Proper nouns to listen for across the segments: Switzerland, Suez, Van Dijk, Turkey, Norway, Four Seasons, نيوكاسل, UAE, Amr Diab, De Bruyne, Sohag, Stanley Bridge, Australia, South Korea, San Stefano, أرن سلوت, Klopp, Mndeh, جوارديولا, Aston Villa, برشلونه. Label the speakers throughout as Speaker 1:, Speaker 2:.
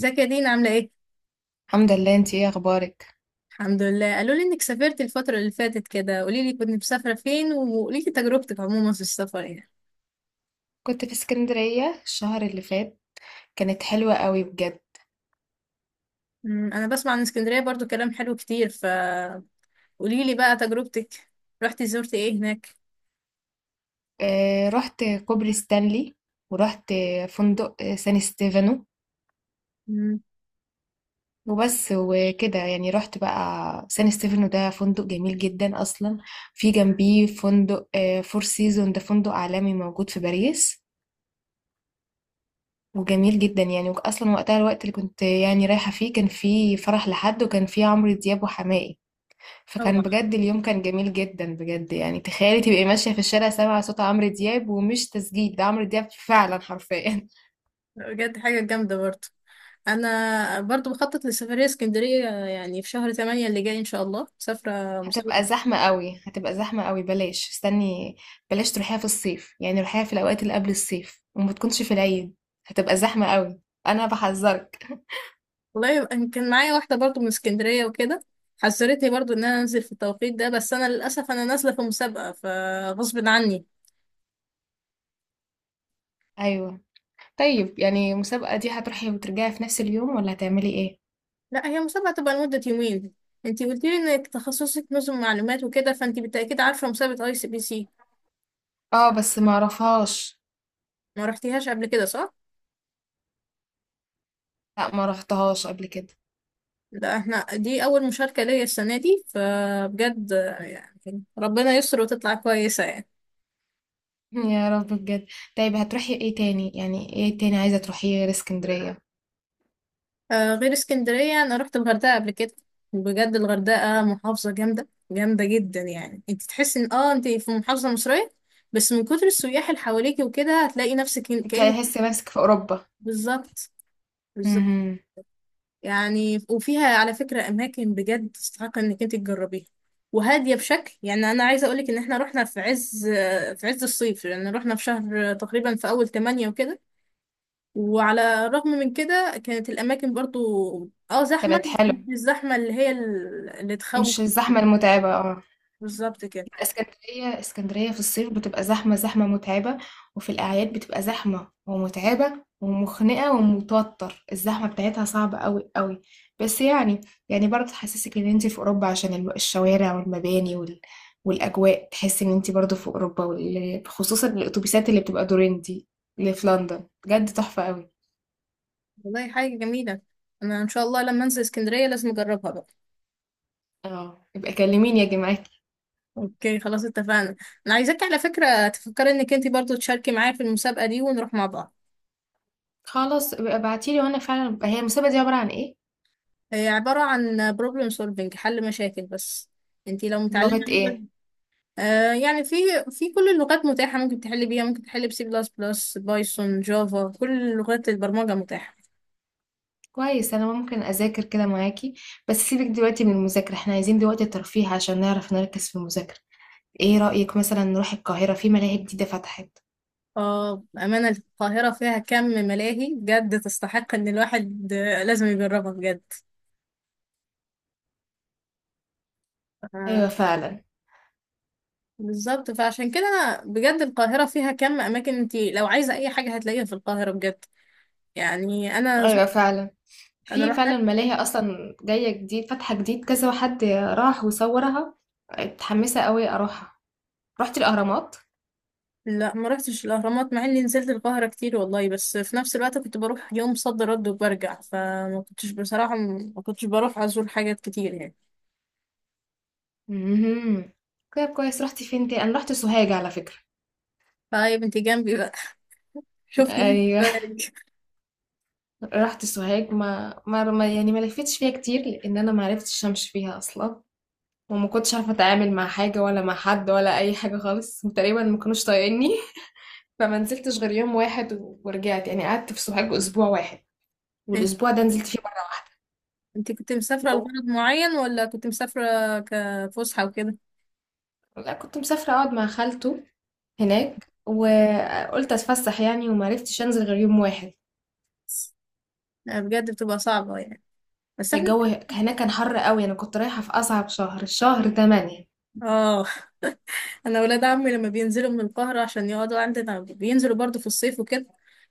Speaker 1: ازيك يا دينا عاملة ايه؟
Speaker 2: الحمد لله. انتي ايه اخبارك؟
Speaker 1: الحمد لله، قالوا لي انك سافرت الفترة اللي فاتت كده، قولي لي كنت مسافرة فين وقولي لي تجربتك عموما في السفر يعني.
Speaker 2: كنت في اسكندرية الشهر اللي فات. كانت حلوة قوي بجد.
Speaker 1: انا بسمع عن اسكندرية برضو كلام حلو كتير، فقولي لي بقى تجربتك. رحتي زرتي ايه هناك؟
Speaker 2: اه، رحت كوبري ستانلي ورحت فندق سان ستيفانو.
Speaker 1: أمم،
Speaker 2: وبس وكده، يعني رحت بقى. سان ستيفانو ده فندق جميل جدا اصلا. في جنبيه فندق فور سيزون. ده فندق عالمي موجود في باريس. وجميل جدا يعني اصلا. وقتها، الوقت اللي كنت يعني رايحة فيه، كان فيه فرح لحد، وكان فيه عمرو دياب وحماقي. فكان
Speaker 1: اه،
Speaker 2: بجد اليوم كان جميل جدا بجد. يعني تخيلي تبقي ماشية في الشارع سامعة صوت عمرو دياب، ومش تسجيل، ده عمرو دياب فعلا حرفيا.
Speaker 1: بجد حاجة جامدة برضو. انا برضو بخطط لسفرية اسكندرية يعني في شهر 8 اللي جاي ان شاء الله، مسافرة مسابقة.
Speaker 2: هتبقى زحمة قوي، هتبقى زحمة قوي. بلاش، استني. بلاش تروحيها في الصيف، يعني روحيها في الأوقات اللي قبل الصيف، وما تكونش في العيد. هتبقى زحمة قوي. أنا بحذرك.
Speaker 1: والله، كان معايا واحدة برضو من اسكندرية وكده، حذرتني برضو ان انا انزل في التوقيت ده، بس انا للأسف انا نازلة في مسابقة فغصب عني.
Speaker 2: أيوة. طيب، يعني المسابقة دي هتروحي وترجعي في نفس اليوم ولا هتعملي إيه؟
Speaker 1: لا، هي مسابقة تبقى لمدة يومين. انتي قلتي لي انك تخصصك نظم معلومات وكده، فانتي بالتأكيد عارفة مسابقة ICPC.
Speaker 2: اه، بس ما رفهاش.
Speaker 1: ما رحتيهاش قبل كده صح؟
Speaker 2: لا، ما رحتهاش قبل كده.
Speaker 1: لا، احنا دي اول مشاركة ليا السنة دي، فبجد يعني ربنا يستر وتطلع كويسة يعني.
Speaker 2: يا رب بجد. طيب هتروحي ايه تاني، يعني ايه تاني عايزة تروحيه غير اسكندرية؟
Speaker 1: آه، غير اسكندرية أنا رحت الغردقة قبل كده. بجد الغردقة محافظة جامدة جامدة جدا، يعني انت تحسي ان انت في محافظة مصرية، بس من كتر السياح اللي حواليكي وكده هتلاقي نفسك
Speaker 2: انت
Speaker 1: كأن-
Speaker 2: هتحسي نفسك في اوروبا.
Speaker 1: بالظبط. بالظبط،
Speaker 2: امم.
Speaker 1: يعني وفيها على فكرة أماكن بجد تستحق إنك انت تجربيها، وهادية بشكل. يعني أنا عايزة أقولك إن احنا رحنا في عز الصيف، لأن يعني رحنا في شهر تقريبا في أول تمانية وكده، وعلى الرغم من كده كانت الأماكن برضو اه زحمة،
Speaker 2: كانت
Speaker 1: بس
Speaker 2: حلوة.
Speaker 1: مش الزحمة اللي هي اللي تخوف.
Speaker 2: مش الزحمة المتعبة، اه.
Speaker 1: بالظبط كده.
Speaker 2: اسكندرية، اسكندرية في الصيف بتبقى زحمة، زحمة متعبة. وفي الأعياد بتبقى زحمة ومتعبة ومخنقة ومتوتر. الزحمة بتاعتها صعبة أوي أوي. بس يعني، برضه تحسسك إن أنت في أوروبا عشان الشوارع والمباني والأجواء. تحس إن أنت برضه في أوروبا خصوصا الأتوبيسات اللي بتبقى دورين دي، اللي في لندن بجد تحفة أوي.
Speaker 1: والله حاجة جميلة، أنا إن شاء الله لما أنزل اسكندرية لازم أجربها بقى.
Speaker 2: اه، يبقى كلميني يا جماعة.
Speaker 1: أوكي خلاص اتفقنا. أنا عايزاك على فكرة تفكري إنك أنت برضو تشاركي معايا في المسابقة دي ونروح مع بعض.
Speaker 2: خلاص ابقى ابعتيلي وأنا فعلا بقى. هي المسابقة دي عبارة عن إيه؟
Speaker 1: هي عبارة عن problem solving، حل مشاكل بس. أنت لو متعلمة
Speaker 2: بلغة إيه؟
Speaker 1: آه يعني في كل اللغات متاحة، ممكن تحلي بيها، ممكن تحلي بسي بلس بلس، بايثون، جافا، كل لغات البرمجة متاحة.
Speaker 2: كويس، أنا ممكن أذاكر كده معاكي. بس سيبك دلوقتي من المذاكرة، احنا عايزين دلوقتي ترفيه عشان نعرف نركز في المذاكرة. ايه رأيك مثلا نروح القاهرة؟ في ملاهي جديدة فتحت.
Speaker 1: اه بأمانة القاهرة فيها كم ملاهي بجد تستحق ان الواحد لازم يجربها بجد. آه،
Speaker 2: أيوة فعلا.
Speaker 1: بالظبط، فعشان كده أنا بجد القاهرة فيها كم اماكن، انت لو عايزة اي حاجة هتلاقيها في القاهرة بجد. يعني انا
Speaker 2: أيوة فعلا.
Speaker 1: انا
Speaker 2: في فعلا
Speaker 1: رحت.
Speaker 2: ملاهي أصلا جاية جديد، فاتحة جديد، كذا حد راح وصورها. متحمسة قوي أروحها. رحت الأهرامات.
Speaker 1: لا ما رحتش الاهرامات مع اني نزلت القاهرة كتير والله، بس في نفس الوقت كنت بروح يوم صد رد وبرجع، فما كنتش بصراحة، ما كنتش بروح ازور حاجات كتير يعني.
Speaker 2: امم. كده كويس. رحت فين تاني؟ أنا رحت سوهاج على فكرة.
Speaker 1: طيب انت جنبي بقى. شفتي.
Speaker 2: أيوة. رحت سوهاج. يعني ما لفتش فيها كتير، لأن أنا ما عرفتش أمشي فيها أصلا. وما كنتش عارفه اتعامل مع حاجه، ولا مع حد، ولا اي حاجه خالص، وتقريبا ما كانوش طايقيني. فما نزلتش غير يوم واحد ورجعت. يعني قعدت في سوهاج اسبوع واحد،
Speaker 1: إيه؟
Speaker 2: والاسبوع ده نزلت فيه مره واحده.
Speaker 1: انت كنت مسافرة
Speaker 2: طب-
Speaker 1: لغرض معين ولا كنت مسافرة كفسحة وكده؟
Speaker 2: لا، كنت مسافره اقعد مع خالته هناك، وقلت اتفسح يعني، وما عرفتش انزل غير يوم واحد.
Speaker 1: لا، بجد بتبقى صعبة يعني. بس احنا
Speaker 2: الجو هناك كان حر قوي. انا كنت رايحه في اصعب شهر، شهر 8.
Speaker 1: اه انا ولاد عمي لما بينزلوا من القاهرة عشان يقعدوا عندنا بينزلوا برضو في الصيف وكده،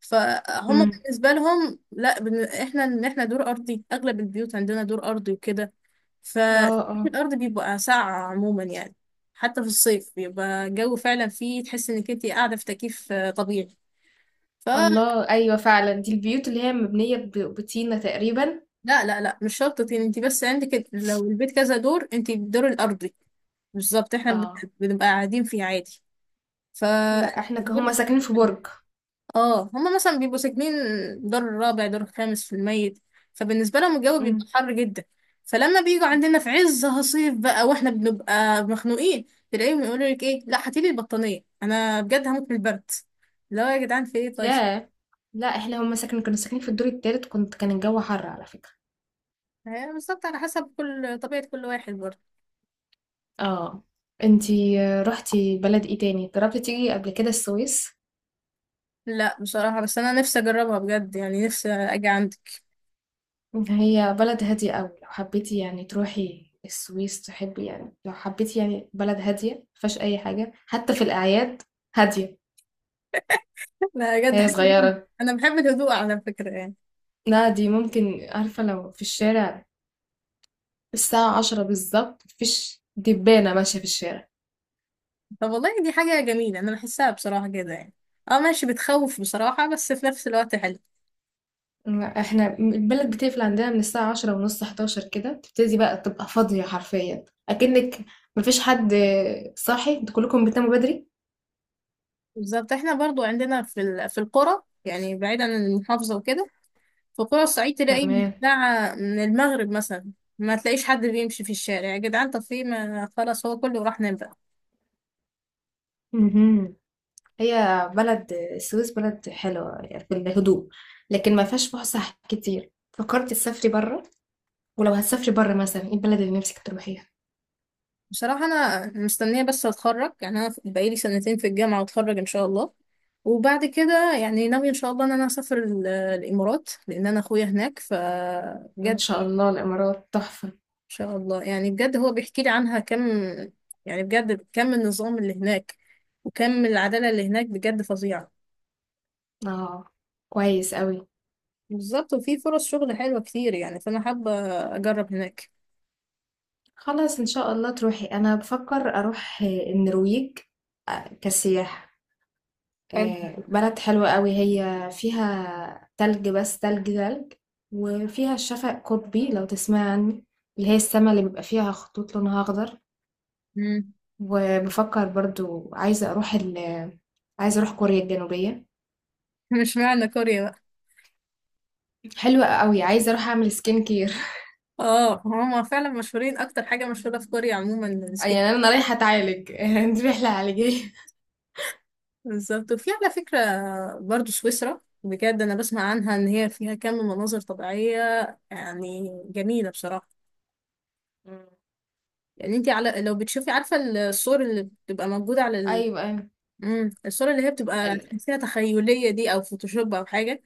Speaker 1: فهم
Speaker 2: امم.
Speaker 1: بالنسبة لهم. لا احنا احنا دور ارضي، اغلب البيوت عندنا دور ارضي وكده،
Speaker 2: اه، اه.
Speaker 1: فالارض بيبقى ساقعة عموما يعني، حتى في الصيف بيبقى الجو فعلا فيه، تحس انك انت قاعدة في تكييف طبيعي. ف
Speaker 2: الله، ايوه فعلا. دي البيوت اللي هي مبنيه بطينه تقريبا.
Speaker 1: لا لا لا، مش شرط طين، انت بس عندك لو البيت كذا دور انت الدور الارضي. بالظبط، احنا
Speaker 2: اه.
Speaker 1: بنبقى قاعدين فيه عادي. ف
Speaker 2: لا، احنا
Speaker 1: الدور-
Speaker 2: هما ساكنين في برج.
Speaker 1: اه، هما مثلا بيبقوا ساكنين دور الرابع دور الخامس في الميت، فبالنسبه لهم الجو بيبقى
Speaker 2: امم.
Speaker 1: حر جدا، فلما بيجوا عندنا في عز هصيف بقى واحنا بنبقى مخنوقين، تلاقيهم يقولوا لك ايه، لا هاتيلي البطانيه انا بجد هموت من البرد. لا يا جدعان في ايه طيب.
Speaker 2: ياه. لا، احنا هما كنا ساكنين في الدور التالت. كان الجو حر على فكرة.
Speaker 1: هي بالظبط على حسب كل طبيعه كل واحد برضه.
Speaker 2: اه. انتي رحتي بلد ايه تاني؟ جربتي تيجي قبل كده السويس؟
Speaker 1: لا بصراحة، بس أنا نفسي أجربها بجد يعني، نفسي أجي عندك.
Speaker 2: هي بلد هادية قوي، لو حبيتي يعني تروحي السويس، تحبي يعني، لو حبيتي يعني بلد هادية مفيهاش اي حاجة حتى في الاعياد، هادية.
Speaker 1: لا بجد
Speaker 2: هي
Speaker 1: حاجة جميلة،
Speaker 2: صغيرة.
Speaker 1: أنا بحب الهدوء على فكرة يعني.
Speaker 2: لا، دي ممكن عارفة، لو في الشارع الساعة عشرة بالظبط مفيش دبانة ماشية في الشارع.
Speaker 1: طب والله دي حاجة جميلة، أنا بحسها بصراحة كده يعني. اه ماشي، بتخوف بصراحة، بس في نفس الوقت حلو.
Speaker 2: احنا البلد بتقفل عندنا من الساعة عشرة ونص، حداشر كده تبتدي بقى تبقى فاضية حرفيا، أكنك مفيش حد صاحي. انتوا كلكم بتناموا بدري.
Speaker 1: بالظبط، احنا برضو عندنا في في القرى يعني بعيدا عن المحافظة وكده، في قرى الصعيد تلاقي من
Speaker 2: تمام.
Speaker 1: الساعة من المغرب مثلا ما تلاقيش حد بيمشي في الشارع. يا جدعان، طب في ما خلاص، هو كله راح نام بقى.
Speaker 2: مهم. هي بلد السويس بلد حلوة، يعني في الهدوء. لكن ما فيهاش فسح كتير. فكرت تسافري بره؟ ولو هتسافري بره، مثلا ايه البلد اللي نفسك تروحيها؟
Speaker 1: بصراحة أنا مستنية بس أتخرج، يعني أنا بقالي سنتين في الجامعة وأتخرج إن شاء الله، وبعد كده يعني ناوية إن شاء الله إن أنا أسافر الإمارات، لأن أنا أخويا هناك،
Speaker 2: ان
Speaker 1: فبجد
Speaker 2: شاء
Speaker 1: إن
Speaker 2: الله. الإمارات تحفة.
Speaker 1: شاء الله يعني. بجد هو بيحكي لي عنها كم، يعني بجد كم النظام اللي هناك وكم العدالة اللي هناك بجد فظيعة.
Speaker 2: اه، كويس قوي.
Speaker 1: بالظبط، وفي فرص شغل حلوة كتير يعني، فأنا حابة أجرب هناك.
Speaker 2: خلاص، ان شاء الله تروحي. انا بفكر اروح النرويج، كسياحة.
Speaker 1: حلو.
Speaker 2: بلد حلوة قوي. هي فيها تلج، بس تلج، تلج. وفيها الشفق قطبي، لو تسمع عنه، اللي هي السما اللي بيبقى فيها خطوط لونها أخضر.
Speaker 1: مم.
Speaker 2: وبفكر برضو عايزة أروح كوريا الجنوبية.
Speaker 1: مش معنى كوريا بقى.
Speaker 2: حلوة قوي. عايزة أروح أعمل سكين كير.
Speaker 1: اه هما فعلا مشهورين، أكتر حاجة مشهورة في كوريا عموما.
Speaker 2: يعني أنا رايحة أتعالج. دي رحلة علاجية.
Speaker 1: بالظبط. وفي على فكرة برضو سويسرا، بجد أنا بسمع عنها إن هي فيها كم مناظر طبيعية يعني جميلة بصراحة.
Speaker 2: مم.
Speaker 1: يعني أنت على لو بتشوفي، عارفة الصور اللي بتبقى موجودة على ال...
Speaker 2: أيوة، أيوة.
Speaker 1: مم. الصور اللي هي بتبقى
Speaker 2: ال-
Speaker 1: تحسيها تخيلية دي، أو فوتوشوب أو حاجة.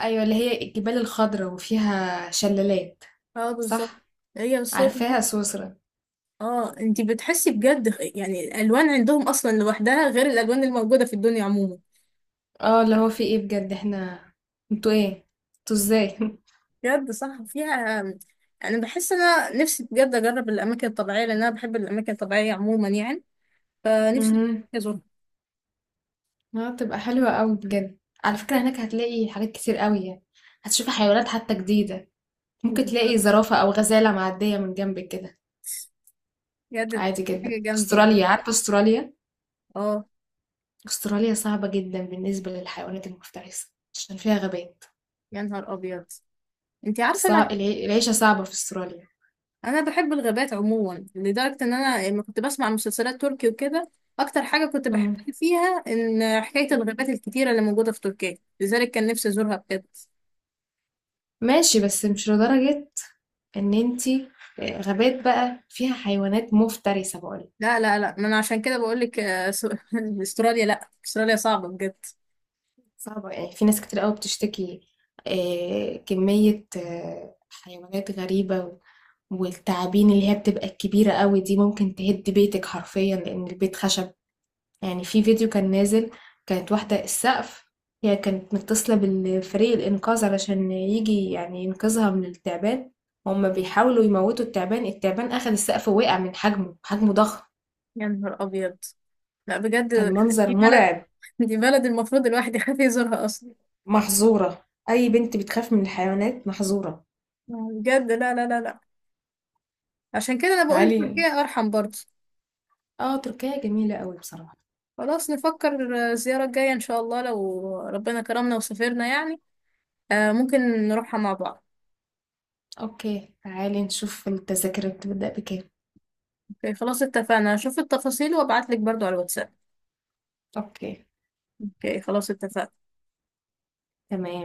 Speaker 2: أيوة، اللي هي الجبال الخضراء وفيها شلالات.
Speaker 1: اه بالظبط،
Speaker 2: صح.
Speaker 1: هي الصور دي.
Speaker 2: عارفاها سويسرا.
Speaker 1: اه أنت بتحسي بجد يعني الألوان عندهم أصلا لوحدها غير الألوان الموجودة في الدنيا عموما.
Speaker 2: اه، اللي هو في ايه بجد؟ احنا، انتوا ايه؟ انتوا ازاي؟
Speaker 1: بجد صح، فيها يعني، بحس انا نفسي بجد اجرب الاماكن الطبيعيه لان انا بحب الاماكن الطبيعيه عموما يعني، فنفسي
Speaker 2: مهم.
Speaker 1: ازورها.
Speaker 2: اه، تبقى حلوة قوي بجد. على فكرة هناك هتلاقي حاجات كتير قوي يعني. هتشوفي حيوانات حتى جديدة. ممكن تلاقي زرافة او غزالة معدية من جنبك كده،
Speaker 1: بجد
Speaker 2: عادي
Speaker 1: حاجه
Speaker 2: جدا.
Speaker 1: جامده يعني.
Speaker 2: استراليا، عارفة استراليا؟
Speaker 1: اه.
Speaker 2: استراليا صعبة جدا بالنسبة للحيوانات المفترسة، عشان فيها غابات.
Speaker 1: يا نهار ابيض، انت عارفه انا،
Speaker 2: العيشة صعبة في استراليا.
Speaker 1: انا بحب الغابات عموما لدرجه ان انا لما كنت بسمع مسلسلات تركي وكده اكتر حاجه كنت
Speaker 2: مم.
Speaker 1: بحبها فيها ان حكايه الغابات الكتيره اللي موجوده في تركيا، لذلك كان نفسي ازورها بجد.
Speaker 2: ماشي، بس مش لدرجة ان انتي غابات بقى فيها حيوانات مفترسة، بقولك.
Speaker 1: لا لا لا، ما انا عشان كده بقول لك استراليا، لا استراليا صعبه بجد.
Speaker 2: صعبة يعني، في ناس كتير قوي بتشتكي كمية حيوانات غريبة. والتعابين اللي هي بتبقى الكبيرة قوي دي، ممكن تهد بيتك حرفيا، لأن البيت خشب. يعني في فيديو كان نازل. كانت واحدة السقف. هي كانت متصلة بالفريق الإنقاذ علشان يجي يعني ينقذها من التعبان. هما بيحاولوا يموتوا التعبان. التعبان أخد السقف ووقع من حجمه. حجمه ضخم.
Speaker 1: يا نهار ابيض. لا
Speaker 2: كان
Speaker 1: بجد،
Speaker 2: منظر
Speaker 1: دي بلد،
Speaker 2: مرعب.
Speaker 1: دي بلد المفروض الواحد يخاف يزورها اصلا.
Speaker 2: محظورة. أي بنت بتخاف من الحيوانات، محظورة.
Speaker 1: بجد لا لا لا لا، عشان كده انا بقول
Speaker 2: تعالي.
Speaker 1: تركيا ارحم برضه.
Speaker 2: اه، تركيا جميلة قوي بصراحة.
Speaker 1: خلاص نفكر الزيارة الجاية ان شاء الله لو ربنا كرمنا وسافرنا يعني. آه ممكن نروحها مع بعض.
Speaker 2: اوكي، تعالي نشوف التذاكر بتبدأ بكام.
Speaker 1: اوكي خلاص اتفقنا، اشوف التفاصيل وابعتلك برضو على الواتساب.
Speaker 2: اوكي،
Speaker 1: اوكي. خلاص اتفقنا.
Speaker 2: تمام.